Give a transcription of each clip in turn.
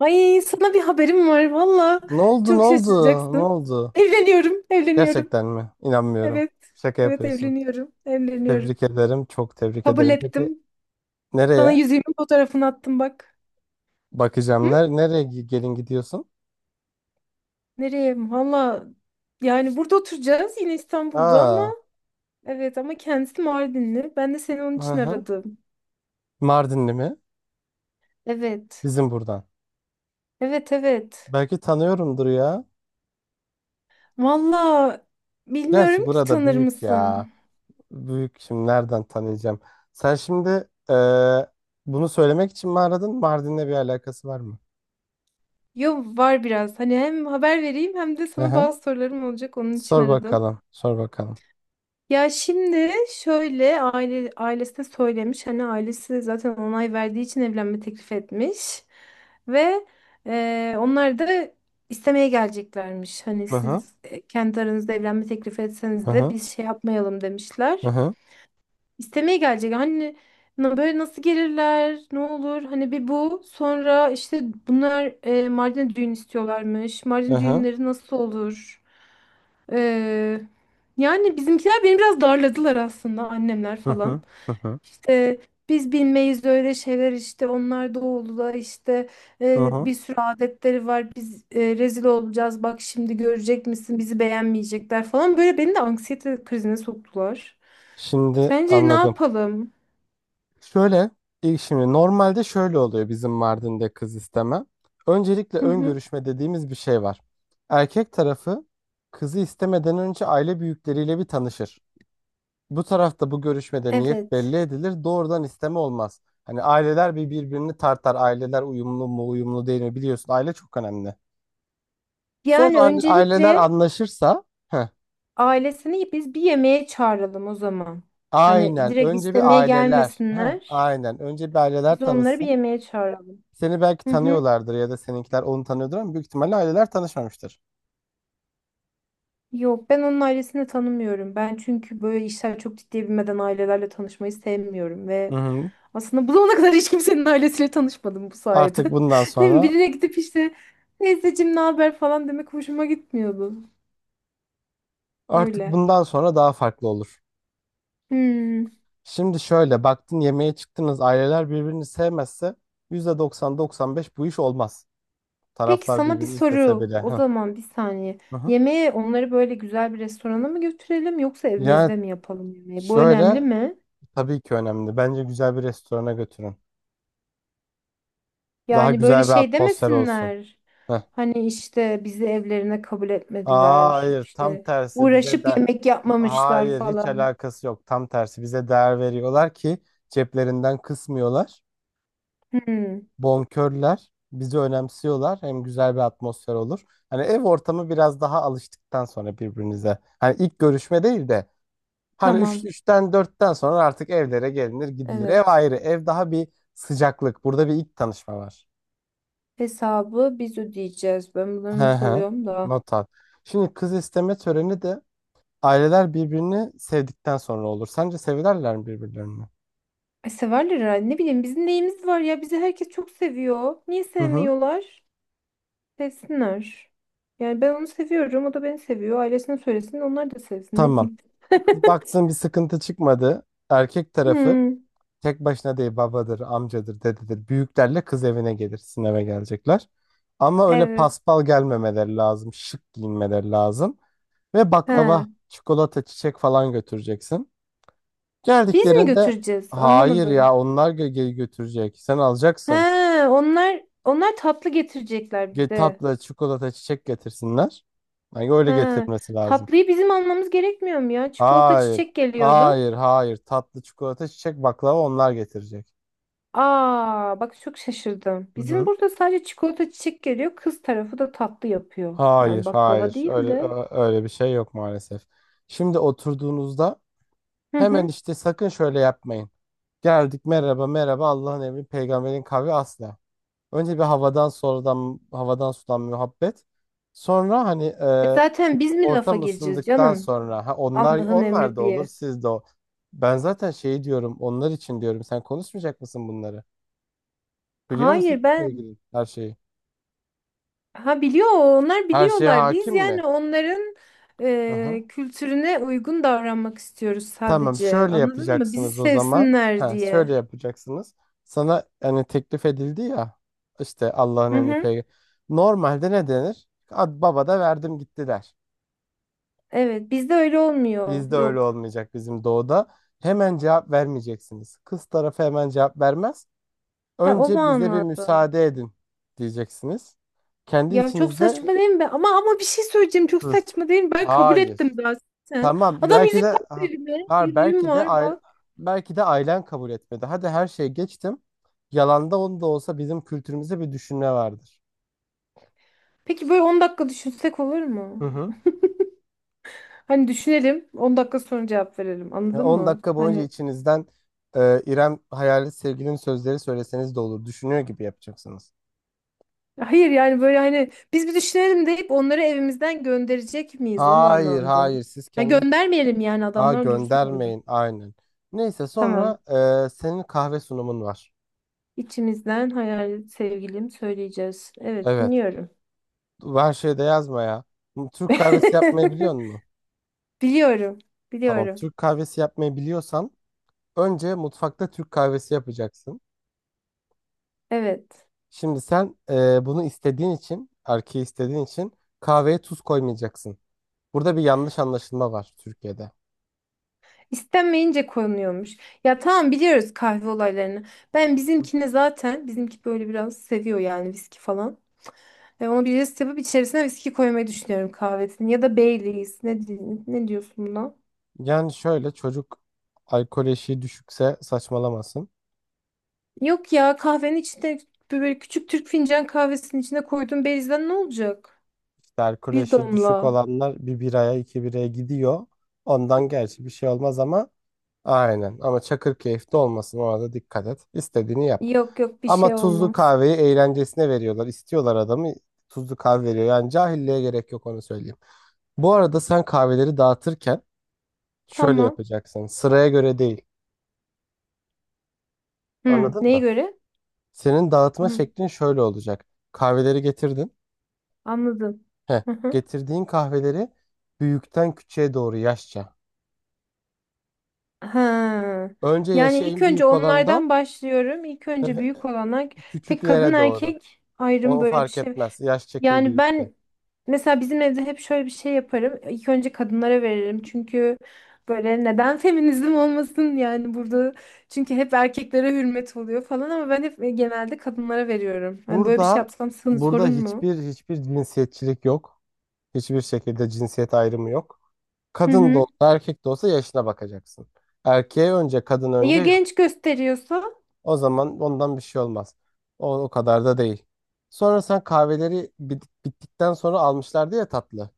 Ay sana bir haberim var valla. Ne oldu ne Çok oldu ne şaşıracaksın. oldu? Evleniyorum, evleniyorum. Gerçekten mi? İnanmıyorum. Evet, Şaka evet yapıyorsun. evleniyorum, evleniyorum. Tebrik ederim. Çok tebrik Kabul ederim. Peki ettim. Sana nereye? yüzüğümün fotoğrafını attım bak. Hı? Bakacağım. Gelin gidiyorsun? Nereye? Valla yani burada oturacağız yine İstanbul'da ama Aa, evet ama kendisi Mardinli. Ben de seni onun hı için hı. aradım. Mardinli mi? Evet, Bizim buradan. evet, evet. Belki tanıyorumdur ya. Valla Gerçi bilmiyorum ki burada tanır büyük ya. mısın? Büyük şimdi nereden tanıyacağım? Sen şimdi bunu söylemek için mi aradın? Mardin'le bir alakası var mı? Yo var biraz. Hani hem haber vereyim hem de Hı sana hı. bazı sorularım olacak onun için Sor aradım. bakalım. Sor bakalım. Ya şimdi şöyle ailesine söylemiş, hani ailesi zaten onay verdiği için evlenme teklif etmiş ve onlar da istemeye geleceklermiş. Hani Hı hı. siz, kendi aranızda evlenme teklif Hı etseniz de hı. biz şey yapmayalım Hı demişler. hı. İstemeye gelecek. Hani böyle nasıl gelirler? Ne olur? Hani bir bu. Sonra işte bunlar Mardin'e düğün istiyorlarmış. Hı Mardin hı. düğünleri nasıl olur? Ee, yani bizimkiler beni biraz darladılar aslında, annemler Hı falan. hı. Hı hı. İşte biz bilmeyiz öyle şeyler, işte onlar doğulu da, işte Hı hı. bir sürü adetleri var, biz rezil olacağız bak, şimdi görecek misin, bizi beğenmeyecekler falan, böyle beni de anksiyete krizine soktular. Şimdi Sence ne anladım. yapalım? Şöyle, ilk şimdi normalde şöyle oluyor bizim Mardin'de kız isteme. Öncelikle Hı ön hı. görüşme dediğimiz bir şey var. Erkek tarafı kızı istemeden önce aile büyükleriyle bir tanışır. Bu tarafta bu görüşmede niyet belli Evet. edilir. Doğrudan isteme olmaz. Hani aileler bir birbirini tartar. Aileler uyumlu mu, uyumlu değil mi biliyorsun. Aile çok önemli. Sonra Yani hani aileler öncelikle anlaşırsa heh, ailesini biz bir yemeğe çağıralım o zaman. Hani aynen. direkt Önce bir istemeye aileler. Heh, gelmesinler. aynen. Önce bir aileler Biz onları bir tanısın. yemeğe çağıralım. Seni belki Hı hı. tanıyorlardır ya da seninkiler onu tanıyordur ama büyük ihtimalle aileler tanışmamıştır. Yok, ben onun ailesini tanımıyorum. Ben, çünkü böyle işler çok ciddiye binmeden ailelerle tanışmayı sevmiyorum Hı ve hı. aslında bu zamana kadar hiç kimsenin ailesiyle tanışmadım bu sayede. Artık bundan Değil mi? sonra Birine gidip işte teyzeciğim ne haber falan demek hoşuma gitmiyordu. artık Öyle. bundan sonra daha farklı olur. Hmm. Şimdi şöyle baktın yemeğe çıktınız aileler birbirini sevmezse yüzde doksan doksan beş bu iş olmaz. Peki Taraflar sana bir birbirini istese soru. bile. O Hı zaman bir saniye. hı. hı. Yemeği onları böyle güzel bir restorana mı götürelim, yoksa Yani evimizde mi yapalım yemeği? Bu önemli şöyle, mi? tabii ki önemli. Bence güzel bir restorana götürün. Daha Yani böyle güzel bir şey atmosfer olsun. demesinler. Hı. Hani işte bizi evlerine kabul Aa, etmediler. hayır tam İşte tersi bize de uğraşıp yemek Ha- yapmamışlar hayır hiç falan. alakası yok tam tersi bize değer veriyorlar ki ceplerinden kısmıyorlar Hmm, bonkörler bizi önemsiyorlar hem güzel bir atmosfer olur hani ev ortamı biraz daha alıştıktan sonra birbirinize hani ilk görüşme değil de hani 3 tamam. üçten dörtten sonra artık evlere gelinir gidilir ev Evet. ayrı ev daha bir sıcaklık burada bir ilk tanışma var. Hesabı biz ödeyeceğiz. Ben bunları Hı not hı. alıyorum da. Not al. Şimdi kız isteme töreni de aileler birbirini sevdikten sonra olur. Sence severler mi birbirlerini? Ay, severler herhalde. Ne bileyim, bizim neyimiz var ya. Bizi herkes çok seviyor. Niye Hı hı. sevmiyorlar? Sevsinler. Yani ben onu seviyorum, o da beni seviyor. Ailesine söylesin, onlar da sevsin. Ne Tamam. diyeyim? Baktığın bir sıkıntı çıkmadı. Erkek tarafı Hmm, tek başına değil babadır, amcadır, dededir. Büyüklerle kız evine gelir. Sizin eve gelecekler. Ama öyle evet. paspal gelmemeleri lazım. Şık giyinmeleri lazım. Ve He. baklava, çikolata, çiçek falan götüreceksin. Biz mi Geldiklerinde götüreceğiz? hayır ya Anlamadım. Götürecek. Sen He, alacaksın. onlar onlar tatlı getirecekler bir de. Tatlı, çikolata, çiçek getirsinler. Yani öyle He. getirmesi lazım. Tatlıyı bizim almamız gerekmiyor mu ya? Çikolata, Hayır. çiçek geliyordu. Hayır, hayır. Tatlı çikolata, çiçek, baklava onlar getirecek. Aa, bak çok şaşırdım. Hı Bizim hı. burada sadece çikolata, çiçek geliyor. Kız tarafı da tatlı yapıyor. Yani Hayır, baklava hayır. değil de. Öyle bir şey yok maalesef. Şimdi oturduğunuzda Hı hemen hı. işte sakın şöyle yapmayın. Geldik merhaba merhaba Allah'ın emri peygamberin kavli asla. Önce bir havadan sonradan havadan sudan muhabbet. Sonra hani E zaten biz mi lafa ortam gireceğiz ısındıktan canım? sonra ha, onlar Allah'ın onlar emri da olur diye. siz de o. Ben zaten şey diyorum onlar için diyorum sen konuşmayacak mısın bunları? Biliyor Hayır, musun ben sevgilin her şeyi? ha biliyor, onlar Her şeye biliyorlar. Biz hakim yani mi? onların Hı hı. Kültürüne uygun davranmak istiyoruz Tamam sadece. şöyle Anladın mı? Bizi yapacaksınız o zaman. sevsinler Ha, şöyle diye. yapacaksınız. Sana hani teklif edildi ya işte Allah'ın Hı emri hı. peygamber. Normalde ne denir? Ad baba da verdim gitti der. Evet, bizde öyle olmuyor. Bizde öyle Yok. olmayacak bizim doğuda. Hemen cevap vermeyeceksiniz. Kız tarafı hemen cevap vermez. Ha, o Önce bize bir manada. müsaade edin diyeceksiniz. Kendi Ya çok içinizde saçma değil mi? Ama ama bir şey söyleyeceğim. Çok hı. saçma değil mi? Ben kabul Hayır. ettim zaten. Tamam Adam yüzük tak dedi be. ha, Yüzüğüm belki de var aile, bak. belki de ailen kabul etmedi. Hadi her şeyi geçtim. Yalanda onu da olsa bizim kültürümüzde bir düşünme vardır. Peki böyle 10 dakika düşünsek olur Hı mu? hı. Hani düşünelim, 10 dakika sonra cevap verelim, Ya anladın 10 mı? dakika boyunca Hani içinizden İrem hayali sevgilinin sözleri söyleseniz de olur. Düşünüyor gibi yapacaksınız. hayır, yani böyle hani biz bir düşünelim deyip onları evimizden gönderecek miyiz o Hayır manada? hayır siz Ha, kendi göndermeyelim yani, ha, adamlar dursun orada. göndermeyin aynen. Neyse sonra Tamam. Senin kahve sunumun var. İçimizden hayal sevgilim söyleyeceğiz. Evet, Evet. dinliyorum. Her şeyde yazma ya. Türk kahvesi yapmayı biliyor musun? Biliyorum. Tamam. Biliyorum. Türk kahvesi yapmayı biliyorsan önce mutfakta Türk kahvesi yapacaksın. Evet. Şimdi sen bunu istediğin için, erkeği istediğin için kahveye tuz koymayacaksın. Burada bir yanlış anlaşılma var Türkiye'de. İstenmeyince konuyormuş. Ya tamam, biliyoruz kahve olaylarını. Ben bizimkine zaten, bizimki böyle biraz seviyor yani, viski falan. Ve onu bir jest yapıp içerisine viski koymayı düşünüyorum kahvesini. Ya da Baileys. Ne, ne diyorsun buna? Yani şöyle çocuk alkol eşiği düşükse saçmalamasın. Yok ya, kahvenin içinde böyle küçük Türk fincan kahvesinin içine koyduğum Baileys'den ne olacak? İşte alkol Bir eşiği düşük damla. olanlar bir biraya iki biraya gidiyor. Ondan gerçi bir şey olmaz ama aynen ama Çakırkeyif'te olmasın ona da dikkat et. İstediğini yap. Yok yok, bir Ama şey tuzlu olmaz. kahveyi eğlencesine veriyorlar. İstiyorlar adamı tuzlu kahve veriyor. Yani cahilliğe gerek yok onu söyleyeyim. Bu arada sen kahveleri dağıtırken şöyle Tamam. yapacaksın. Sıraya göre değil. Hı, Anladın neye mı? göre? Senin dağıtma Hı, şeklin şöyle olacak. Kahveleri getirdin. anladım. Heh, Hı hı. getirdiğin kahveleri büyükten küçüğe doğru yaşça. Ha. Önce Yani yaşı ilk en önce büyük olandan onlardan başlıyorum. İlk önce büyük olanlar. Peki kadın küçüklere doğru. erkek ayrım, O böyle bir fark şey. etmez. Yaş çekim Yani büyükte. ben, mesela bizim evde hep şöyle bir şey yaparım. İlk önce kadınlara veririm. Çünkü böyle, neden feminizm olmasın yani burada. Çünkü hep erkeklere hürmet oluyor falan ama ben hep genelde kadınlara veriyorum. Yani böyle bir şey Burada yapsam burada sorun mu? hiçbir cinsiyetçilik yok. Hiçbir şekilde cinsiyet ayrımı yok. Hı Kadın da hı. olsa erkek de olsa yaşına bakacaksın. Erkeğe önce kadın Ya önce yok. genç gösteriyorsa? O zaman ondan bir şey olmaz. O kadar da değil. Sonra sen bittikten sonra almışlardı ya tatlı.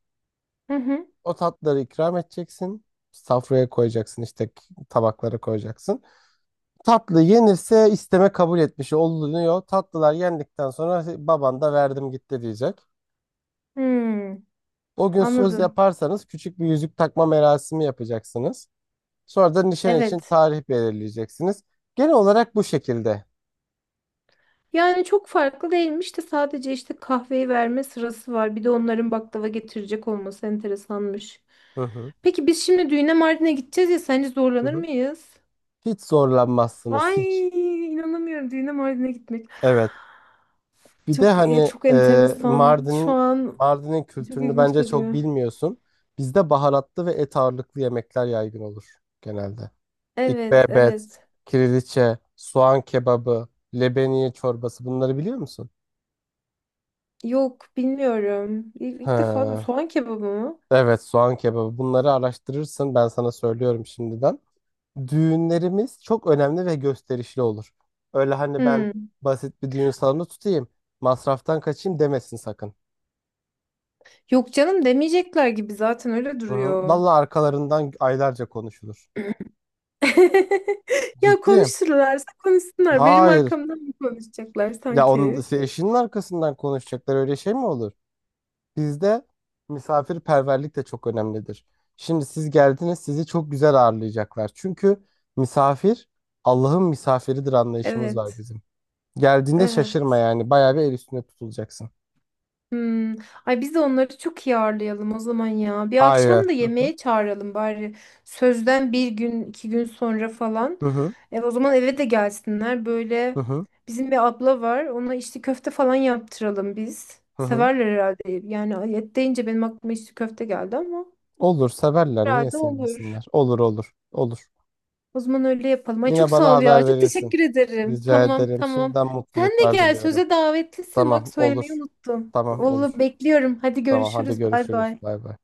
Hı hı. O tatlıları ikram edeceksin. Safraya koyacaksın işte tabaklara koyacaksın. Tatlı yenirse isteme kabul etmiş olunuyor. Tatlılar yendikten sonra baban da verdim gitti diyecek. Hmm, O gün söz anladım. yaparsanız küçük bir yüzük takma merasimi yapacaksınız. Sonra da nişan için Evet. tarih belirleyeceksiniz. Genel olarak bu şekilde. Yani çok farklı değilmiş de sadece işte kahveyi verme sırası var. Bir de onların baklava getirecek olması enteresanmış. Hı hı. Peki biz şimdi düğüne Mardin'e gideceğiz ya, sence Hı zorlanır hı. mıyız? Hiç zorlanmazsınız Ay, hiç. inanamıyorum, düğüne Mardin'e gitmek. Evet. Bir de Çok hani çok enteresan. Şu Mardin'in an Mardin'in çok kültürünü ilginç bence çok geliyor. bilmiyorsun. Bizde baharatlı ve et ağırlıklı yemekler yaygın olur genelde. Evet, İkbebet, evet. kiriliçe, soğan kebabı, lebeniye çorbası bunları biliyor musun? Yok, bilmiyorum. İlk defa da He. soğan kebabı mı? Evet, soğan kebabı. Bunları araştırırsın. Ben sana söylüyorum şimdiden. Düğünlerimiz çok önemli ve gösterişli olur. Öyle hani ben Hmm. basit bir düğün salonu tutayım, masraftan kaçayım demesin sakın. Yok canım, demeyecekler gibi, zaten öyle Hı hı. duruyor. Vallahi arkalarından aylarca konuşulur. Ya Ciddiyim. konuşurlarsa konuşsunlar. Benim Hayır. arkamdan mı konuşacaklar Ya onun sanki? eşinin arkasından konuşacaklar öyle şey mi olur? Bizde misafirperverlik de çok önemlidir. Şimdi siz geldiniz, sizi çok güzel ağırlayacaklar. Çünkü misafir Allah'ın misafiridir anlayışımız var Evet, bizim. Geldiğinde evet. şaşırma yani. Bayağı bir el üstünde tutulacaksın. Hmm. Ay, biz de onları çok iyi ağırlayalım o zaman ya. Bir Aynen. akşam da Hı hı. yemeğe çağıralım bari. Sözden bir gün, iki gün sonra falan. Hı hı. E, o zaman eve de gelsinler. Hı Böyle hı. bizim bir abla var. Ona içli köfte falan yaptıralım biz. Hı hı. Severler herhalde. Yani et deyince benim aklıma içli köfte geldi ama Olur severler. Niye herhalde olur. sevmesinler? Olur olur. Olur. O zaman öyle yapalım. Ay Yine çok sağ bana ol ya. haber Çok verirsin. teşekkür ederim. Rica Tamam, ederim. tamam. Şimdiden Sen de mutluluklar gel. diliyorum. Söze davetlisin. Bak, Tamam söylemeyi olur. unuttum. Tamam Vallahi olur. bekliyorum. Hadi Tamam hadi görüşürüz. Bay görüşürüz. bay. Bay bay.